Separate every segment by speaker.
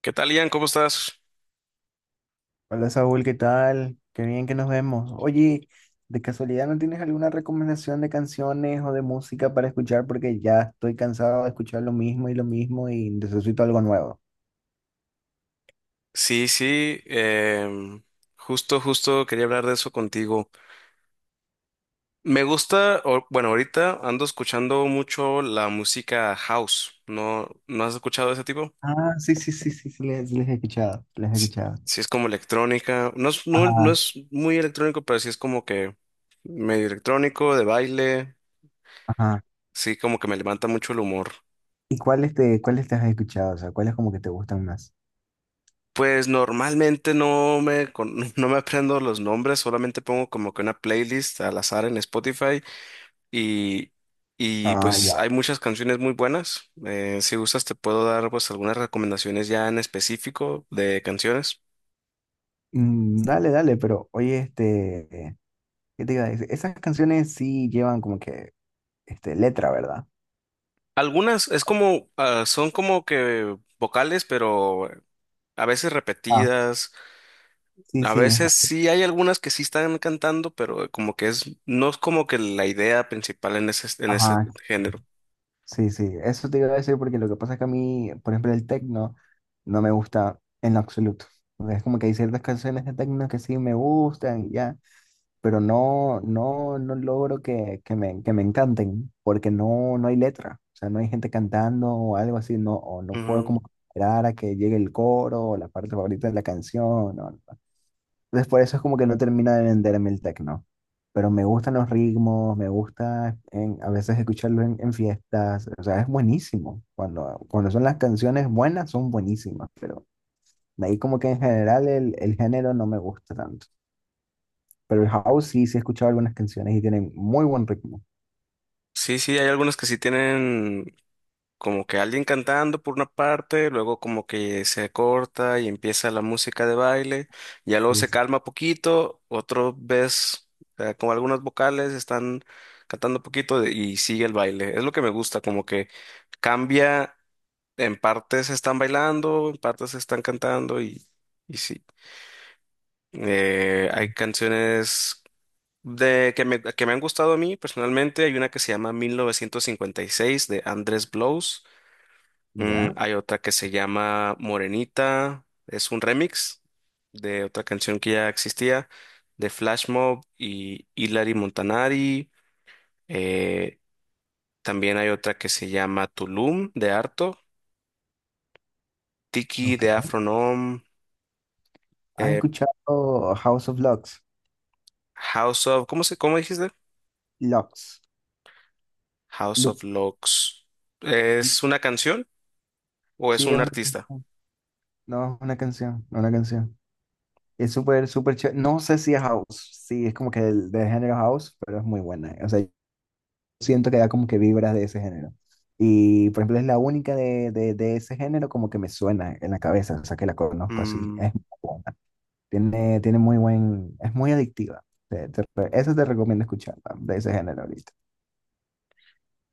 Speaker 1: ¿Qué tal, Ian? ¿Cómo estás?
Speaker 2: Hola Saúl, ¿qué tal? Qué bien que nos vemos. Oye, ¿de casualidad no tienes alguna recomendación de canciones o de música para escuchar? Porque ya estoy cansado de escuchar lo mismo y necesito algo nuevo.
Speaker 1: Sí, sí, justo quería hablar de eso contigo. Me gusta, bueno, ahorita ando escuchando mucho la música house. ¿No has escuchado ese tipo?
Speaker 2: Ah, sí, sí, sí, sí, sí, les he escuchado, les he
Speaker 1: S-
Speaker 2: escuchado.
Speaker 1: Sí, es como electrónica. No es, no, no
Speaker 2: Ajá,
Speaker 1: es muy electrónico, pero sí es como que medio electrónico, de baile.
Speaker 2: ajá.
Speaker 1: Sí, como que me levanta mucho el humor.
Speaker 2: ¿Y cuáles te has escuchado? O sea, ¿cuáles como que te gustan más?
Speaker 1: Pues normalmente no me aprendo los nombres, solamente pongo como que una playlist al azar en Spotify. Y, y
Speaker 2: Ah,
Speaker 1: pues
Speaker 2: ya.
Speaker 1: hay muchas canciones muy buenas. Si gustas, te puedo dar pues algunas recomendaciones ya en específico de canciones.
Speaker 2: Mm, dale, dale, pero oye, ¿qué te iba a decir? Esas canciones sí llevan como que, este, letra, ¿verdad?
Speaker 1: Algunas es como, ah, son como que vocales, pero a veces
Speaker 2: Ah,
Speaker 1: repetidas.
Speaker 2: sí,
Speaker 1: A
Speaker 2: sí,
Speaker 1: veces sí hay algunas que sí están cantando, pero como que es, no es como que la idea principal en ese
Speaker 2: ajá.
Speaker 1: género.
Speaker 2: Sí, sí, eso te iba a decir porque lo que pasa es que a mí, por ejemplo, el techno no me gusta en lo absoluto. O sea, es como que hay ciertas canciones de techno que sí me gustan, y ya, pero no logro que me encanten porque no, no hay letra. O sea, no hay gente cantando o algo así, no, o no puedo
Speaker 1: Ujú.
Speaker 2: como esperar a que llegue el coro o la parte favorita de la canción. No, no. Entonces por eso es como que no termina de venderme el techno. Pero me gustan los ritmos, me gusta a veces escucharlo en fiestas. O sea, es buenísimo. Cuando son las canciones buenas, son buenísimas. Pero de ahí como que en general el género no me gusta tanto. Pero el house sí, sí he escuchado algunas canciones y tienen muy buen ritmo.
Speaker 1: Sí, sí, hay algunas que sí tienen como que alguien cantando por una parte, luego como que se corta y empieza la música de baile, ya luego
Speaker 2: Sí,
Speaker 1: se
Speaker 2: sí.
Speaker 1: calma poquito, otro vez con algunas vocales están cantando poquito y sigue el baile. Es lo que me gusta, como que cambia, en partes están bailando, en partes están cantando y sí. Hay canciones de que me han gustado a mí personalmente. Hay una que se llama 1956 de Andrés Blows.
Speaker 2: ¿Ya?
Speaker 1: Hay otra que se llama Morenita, es un remix de otra canción que ya existía, de Flash Mob y Hilary Montanari. Eh, También hay otra que se llama Tulum de Arto, Tiki
Speaker 2: Ok.
Speaker 1: de Afronom,
Speaker 2: ¿Has
Speaker 1: eh,
Speaker 2: escuchado House of Lux?
Speaker 1: House of, ¿cómo dijiste?
Speaker 2: Lux.
Speaker 1: House
Speaker 2: Lux.
Speaker 1: of Locks. ¿Es una canción o es
Speaker 2: Sí, es
Speaker 1: un
Speaker 2: una,
Speaker 1: artista?
Speaker 2: no, es una canción, una canción. Es súper, súper chévere. No sé si es house, sí, es como que del género house, pero es muy buena. O sea, yo siento que da como que vibras de ese género. Y, por ejemplo, es la única de ese género como que me suena en la cabeza, o sea, que la conozco así.
Speaker 1: Mm,
Speaker 2: Es muy buena. Tiene muy buen, es muy adictiva. Eso te recomiendo escuchar, man, de ese género ahorita.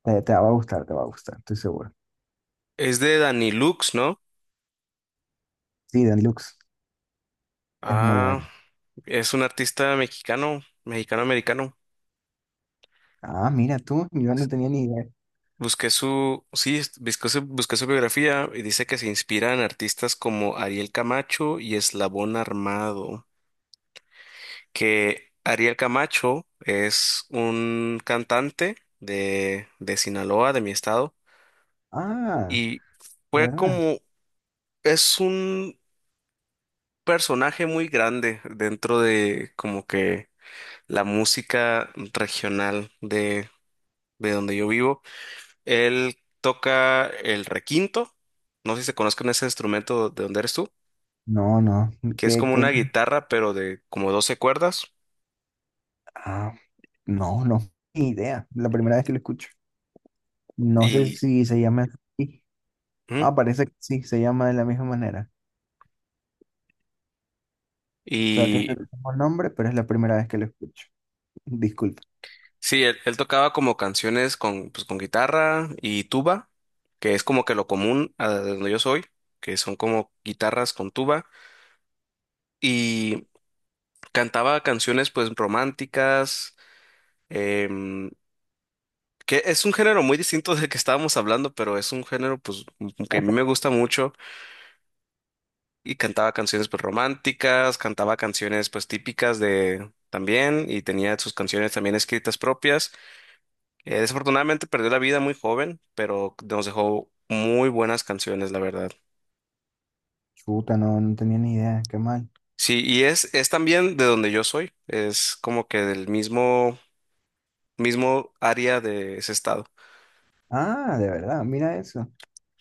Speaker 2: Te va a gustar, te va a gustar, estoy seguro.
Speaker 1: es de Danny Lux, ¿no?
Speaker 2: Sí, Dan Lux, es muy
Speaker 1: Ah,
Speaker 2: bueno.
Speaker 1: es un artista mexicano, mexicano-americano.
Speaker 2: Ah, mira tú, yo no tenía ni idea.
Speaker 1: Busqué su, sí, es- busqué su biografía y dice que se inspira en artistas como Ariel Camacho y Eslabón Armado, que Ariel Camacho es un cantante de Sinaloa, de mi estado,
Speaker 2: Ah,
Speaker 1: y fue
Speaker 2: ¿verdad?
Speaker 1: como, es un personaje muy grande dentro de como que la música regional de donde yo vivo. Él toca el requinto. No sé si se conozcan ese instrumento de donde eres tú,
Speaker 2: No, no.
Speaker 1: que es
Speaker 2: ¿Qué,
Speaker 1: como
Speaker 2: qué?
Speaker 1: una guitarra, pero de como 12 cuerdas.
Speaker 2: Ah, no, no, ni idea. La primera vez que lo escucho. No sé
Speaker 1: Y,
Speaker 2: si se llama así.
Speaker 1: ujú,
Speaker 2: Ah, parece que sí, se llama de la misma manera. O sea, tiene
Speaker 1: y
Speaker 2: el mismo nombre, pero es la primera vez que lo escucho. Disculpa.
Speaker 1: sí, él tocaba como canciones con, pues, con guitarra y tuba, que es como que lo común a de donde yo soy, que son como guitarras con tuba. Y cantaba canciones pues románticas, em, que es un género muy distinto del que estábamos hablando, pero es un género pues que a mí me gusta mucho y cantaba canciones pues románticas, cantaba canciones pues típicas de también y tenía sus canciones también escritas propias. Desafortunadamente perdió la vida muy joven, pero nos dejó muy buenas canciones, la verdad.
Speaker 2: Chuta, no, no tenía ni idea. Qué mal.
Speaker 1: Sí, y es también de donde yo soy, es como que del mismo, mismo área de ese estado.
Speaker 2: Ah, de verdad, mira eso.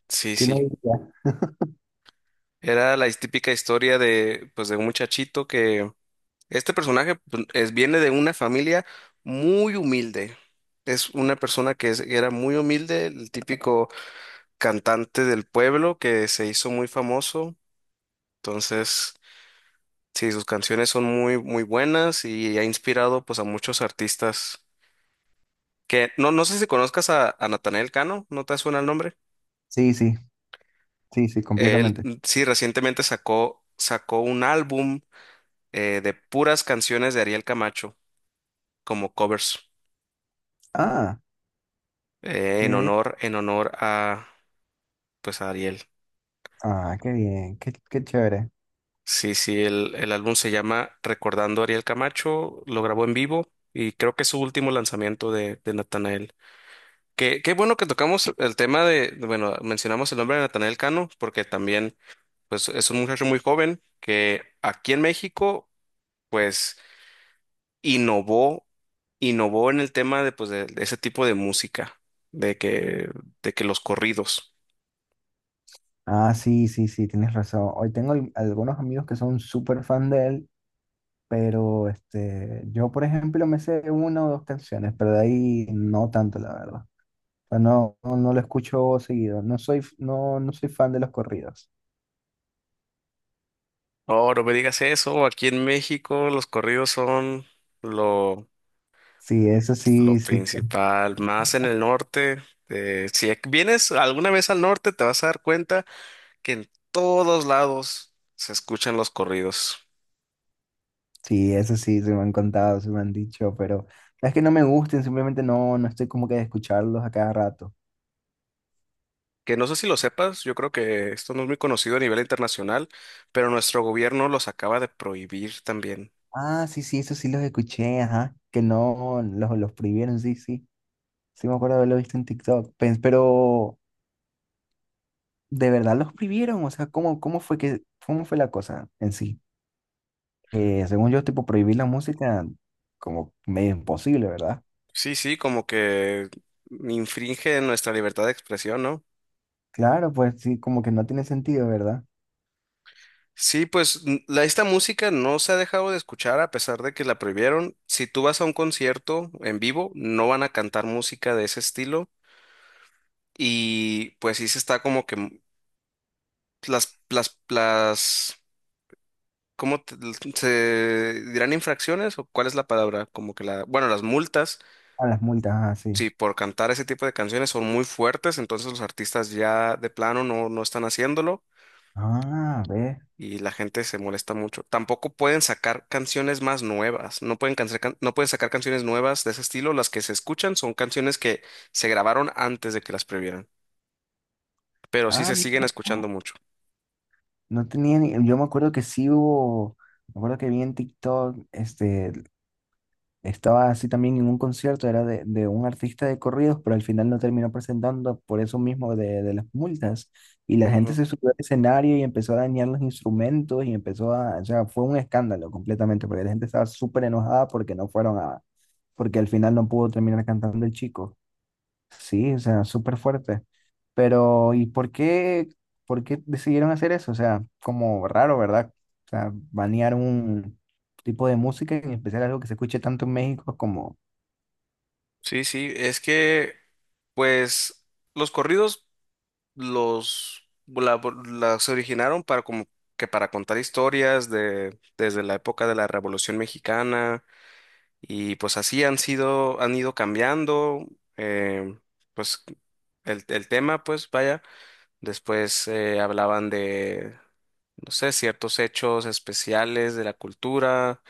Speaker 1: Sí,
Speaker 2: ¿Quién lo
Speaker 1: sí.
Speaker 2: diría?
Speaker 1: Era la típica historia de pues de un muchachito que... Este personaje pues, viene de una familia muy humilde. Es una persona que era muy humilde, el típico cantante del pueblo que se hizo muy famoso. Entonces, sí, sus canciones son muy, muy buenas y ha inspirado pues a muchos artistas que no sé si conozcas a Natanael Cano, ¿no te suena el nombre?
Speaker 2: Sí, sí, sí, sí,
Speaker 1: Él
Speaker 2: completamente.
Speaker 1: sí recientemente sacó un álbum de puras canciones de Ariel Camacho como covers
Speaker 2: Ah,
Speaker 1: en
Speaker 2: qué bien.
Speaker 1: honor, en honor a, pues a Ariel.
Speaker 2: Ah, qué bien, qué, qué chévere.
Speaker 1: Sí, sí, el álbum se llama Recordando a Ariel Camacho, lo grabó en vivo y creo que es su último lanzamiento de Natanael. Qué bueno que tocamos el tema, bueno, mencionamos el nombre de Natanael Cano, porque también, pues, es un muchacho muy joven que aquí en México, pues, innovó, innovó en el tema de, pues, de ese tipo de música, de que, de que los corridos.
Speaker 2: Ah, sí, sí, sí, tienes razón. Hoy tengo algunos amigos que son súper fan de él. Pero este, yo, por ejemplo, me sé una o dos canciones, pero de ahí no tanto, la verdad. O sea, no lo escucho seguido. No soy, no soy fan de los corridos.
Speaker 1: Oh, no me digas eso, aquí en México los corridos son... Lo,
Speaker 2: Sí, eso sí,
Speaker 1: Lo
Speaker 2: sí,
Speaker 1: principal, más en el norte, si vienes alguna vez al norte, te vas a dar cuenta que en todos lados se escuchan los corridos.
Speaker 2: sí, eso sí, se me han contado, se me han dicho, pero no es que no me gusten, simplemente no estoy como que de escucharlos a cada rato.
Speaker 1: Que no sé si lo sepas, yo creo que esto no es muy conocido a nivel internacional, pero nuestro gobierno los acaba de prohibir también.
Speaker 2: Ah, sí, sí, eso sí los escuché, ajá, que no, los prohibieron, sí, sí. Sí me acuerdo haberlo visto en TikTok. Pero ¿de verdad los prohibieron? O sea, cómo fue la cosa en sí? Eh, según yo, tipo, prohibir la música como medio imposible, ¿verdad?
Speaker 1: Sí, sí, como que infringe nuestra libertad de expresión, ¿no?
Speaker 2: Claro, pues sí, como que no tiene sentido, ¿verdad?
Speaker 1: Sí, pues esta música no se ha dejado de escuchar a pesar de que la prohibieron. Si tú vas a un concierto en vivo, no van a cantar música de ese estilo. Y pues sí se está como que las, las, las, ¿cómo te- se dirán infracciones o cuál es la palabra? Como que bueno, las multas,
Speaker 2: A las multas, así.
Speaker 1: sí, por cantar ese tipo de canciones son muy fuertes, entonces los artistas ya de plano no están haciéndolo
Speaker 2: Ah, sí. Ah, ve.
Speaker 1: y la gente se molesta mucho. Tampoco pueden sacar canciones más nuevas, no pueden sacar canciones nuevas de ese estilo, las que se escuchan son canciones que se grabaron antes de que las prohibieran, pero sí
Speaker 2: Ah,
Speaker 1: se siguen
Speaker 2: mira,
Speaker 1: escuchando
Speaker 2: no,
Speaker 1: mucho.
Speaker 2: no tenía ni... Yo me acuerdo que sí hubo, me acuerdo que vi en TikTok, este, estaba así también en un concierto, era de un artista de corridos, pero al final no terminó presentando por eso mismo de las multas. Y la gente se subió al escenario y empezó a dañar los instrumentos y empezó a, o sea, fue un escándalo completamente, porque la gente estaba súper enojada porque no fueron a, porque al final no pudo terminar cantando el chico. Sí, o sea, súper fuerte. Pero, por qué decidieron hacer eso? O sea, como raro, ¿verdad? O sea, banear un tipo de música, en especial algo que se escuche tanto en México como...
Speaker 1: Sí, sí, es que, pues, los corridos los la- las originaron para como que para contar historias de desde la época de la Revolución Mexicana y pues así han sido, han ido cambiando, eh, pues el tema, pues vaya, después hablaban de, no sé, ciertos hechos especiales de la cultura.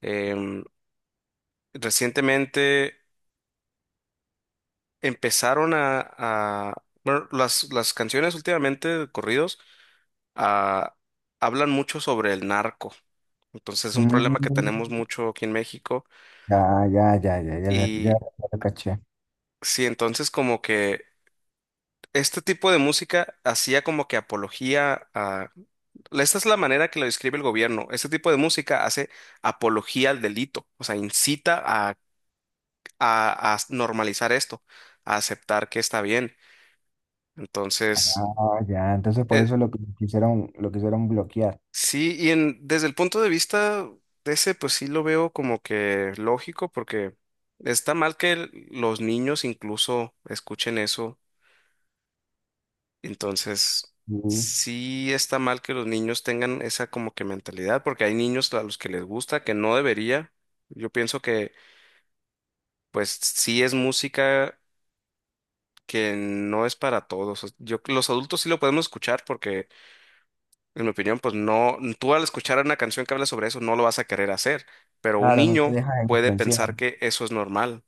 Speaker 1: em, Recientemente empezaron, bueno, las canciones últimamente, corridos, ah, hablan mucho sobre el narco. Entonces es un problema que
Speaker 2: Mm,
Speaker 1: tenemos mucho aquí en México.
Speaker 2: ya, ya, ya, ya, ya, ya,
Speaker 1: Y
Speaker 2: lo caché.
Speaker 1: sí, entonces como que este tipo de música hacía como que apología a... Esta es la manera que lo describe el gobierno. Este tipo de música hace apología al delito, o sea, incita a normalizar esto, a aceptar que está bien. Entonces...
Speaker 2: Ah, ya, entonces por
Speaker 1: eh,
Speaker 2: eso lo que quisieron, lo quisieron bloquear.
Speaker 1: sí, desde el punto de vista de ese, pues sí lo veo como que lógico, porque está mal que los niños incluso escuchen eso. Entonces,
Speaker 2: Sí.
Speaker 1: sí está mal que los niños tengan esa como que mentalidad, porque hay niños a los que les gusta, que no debería. Yo pienso que, pues sí es música que no es para todos. Yo, los adultos sí lo podemos escuchar porque en mi opinión, pues no, tú al escuchar una canción que habla sobre eso no lo vas a querer hacer, pero un
Speaker 2: Claro, no te
Speaker 1: niño
Speaker 2: dejas
Speaker 1: puede
Speaker 2: influenciar.
Speaker 1: pensar que eso es normal.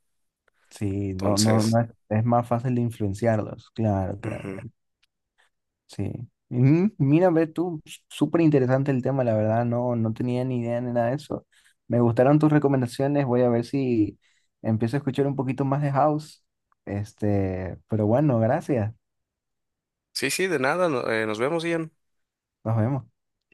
Speaker 2: Sí,
Speaker 1: Entonces,
Speaker 2: no es, es más fácil de influenciarlos. Claro, claro.
Speaker 1: ujú.
Speaker 2: Sí. Mm, mira, ve tú, súper interesante el tema, la verdad, no, no tenía ni idea ni nada de eso. Me gustaron tus recomendaciones, voy a ver si empiezo a escuchar un poquito más de house. Este, pero bueno, gracias.
Speaker 1: Sí, sí, de nada, nos vemos, Ian.
Speaker 2: Nos vemos.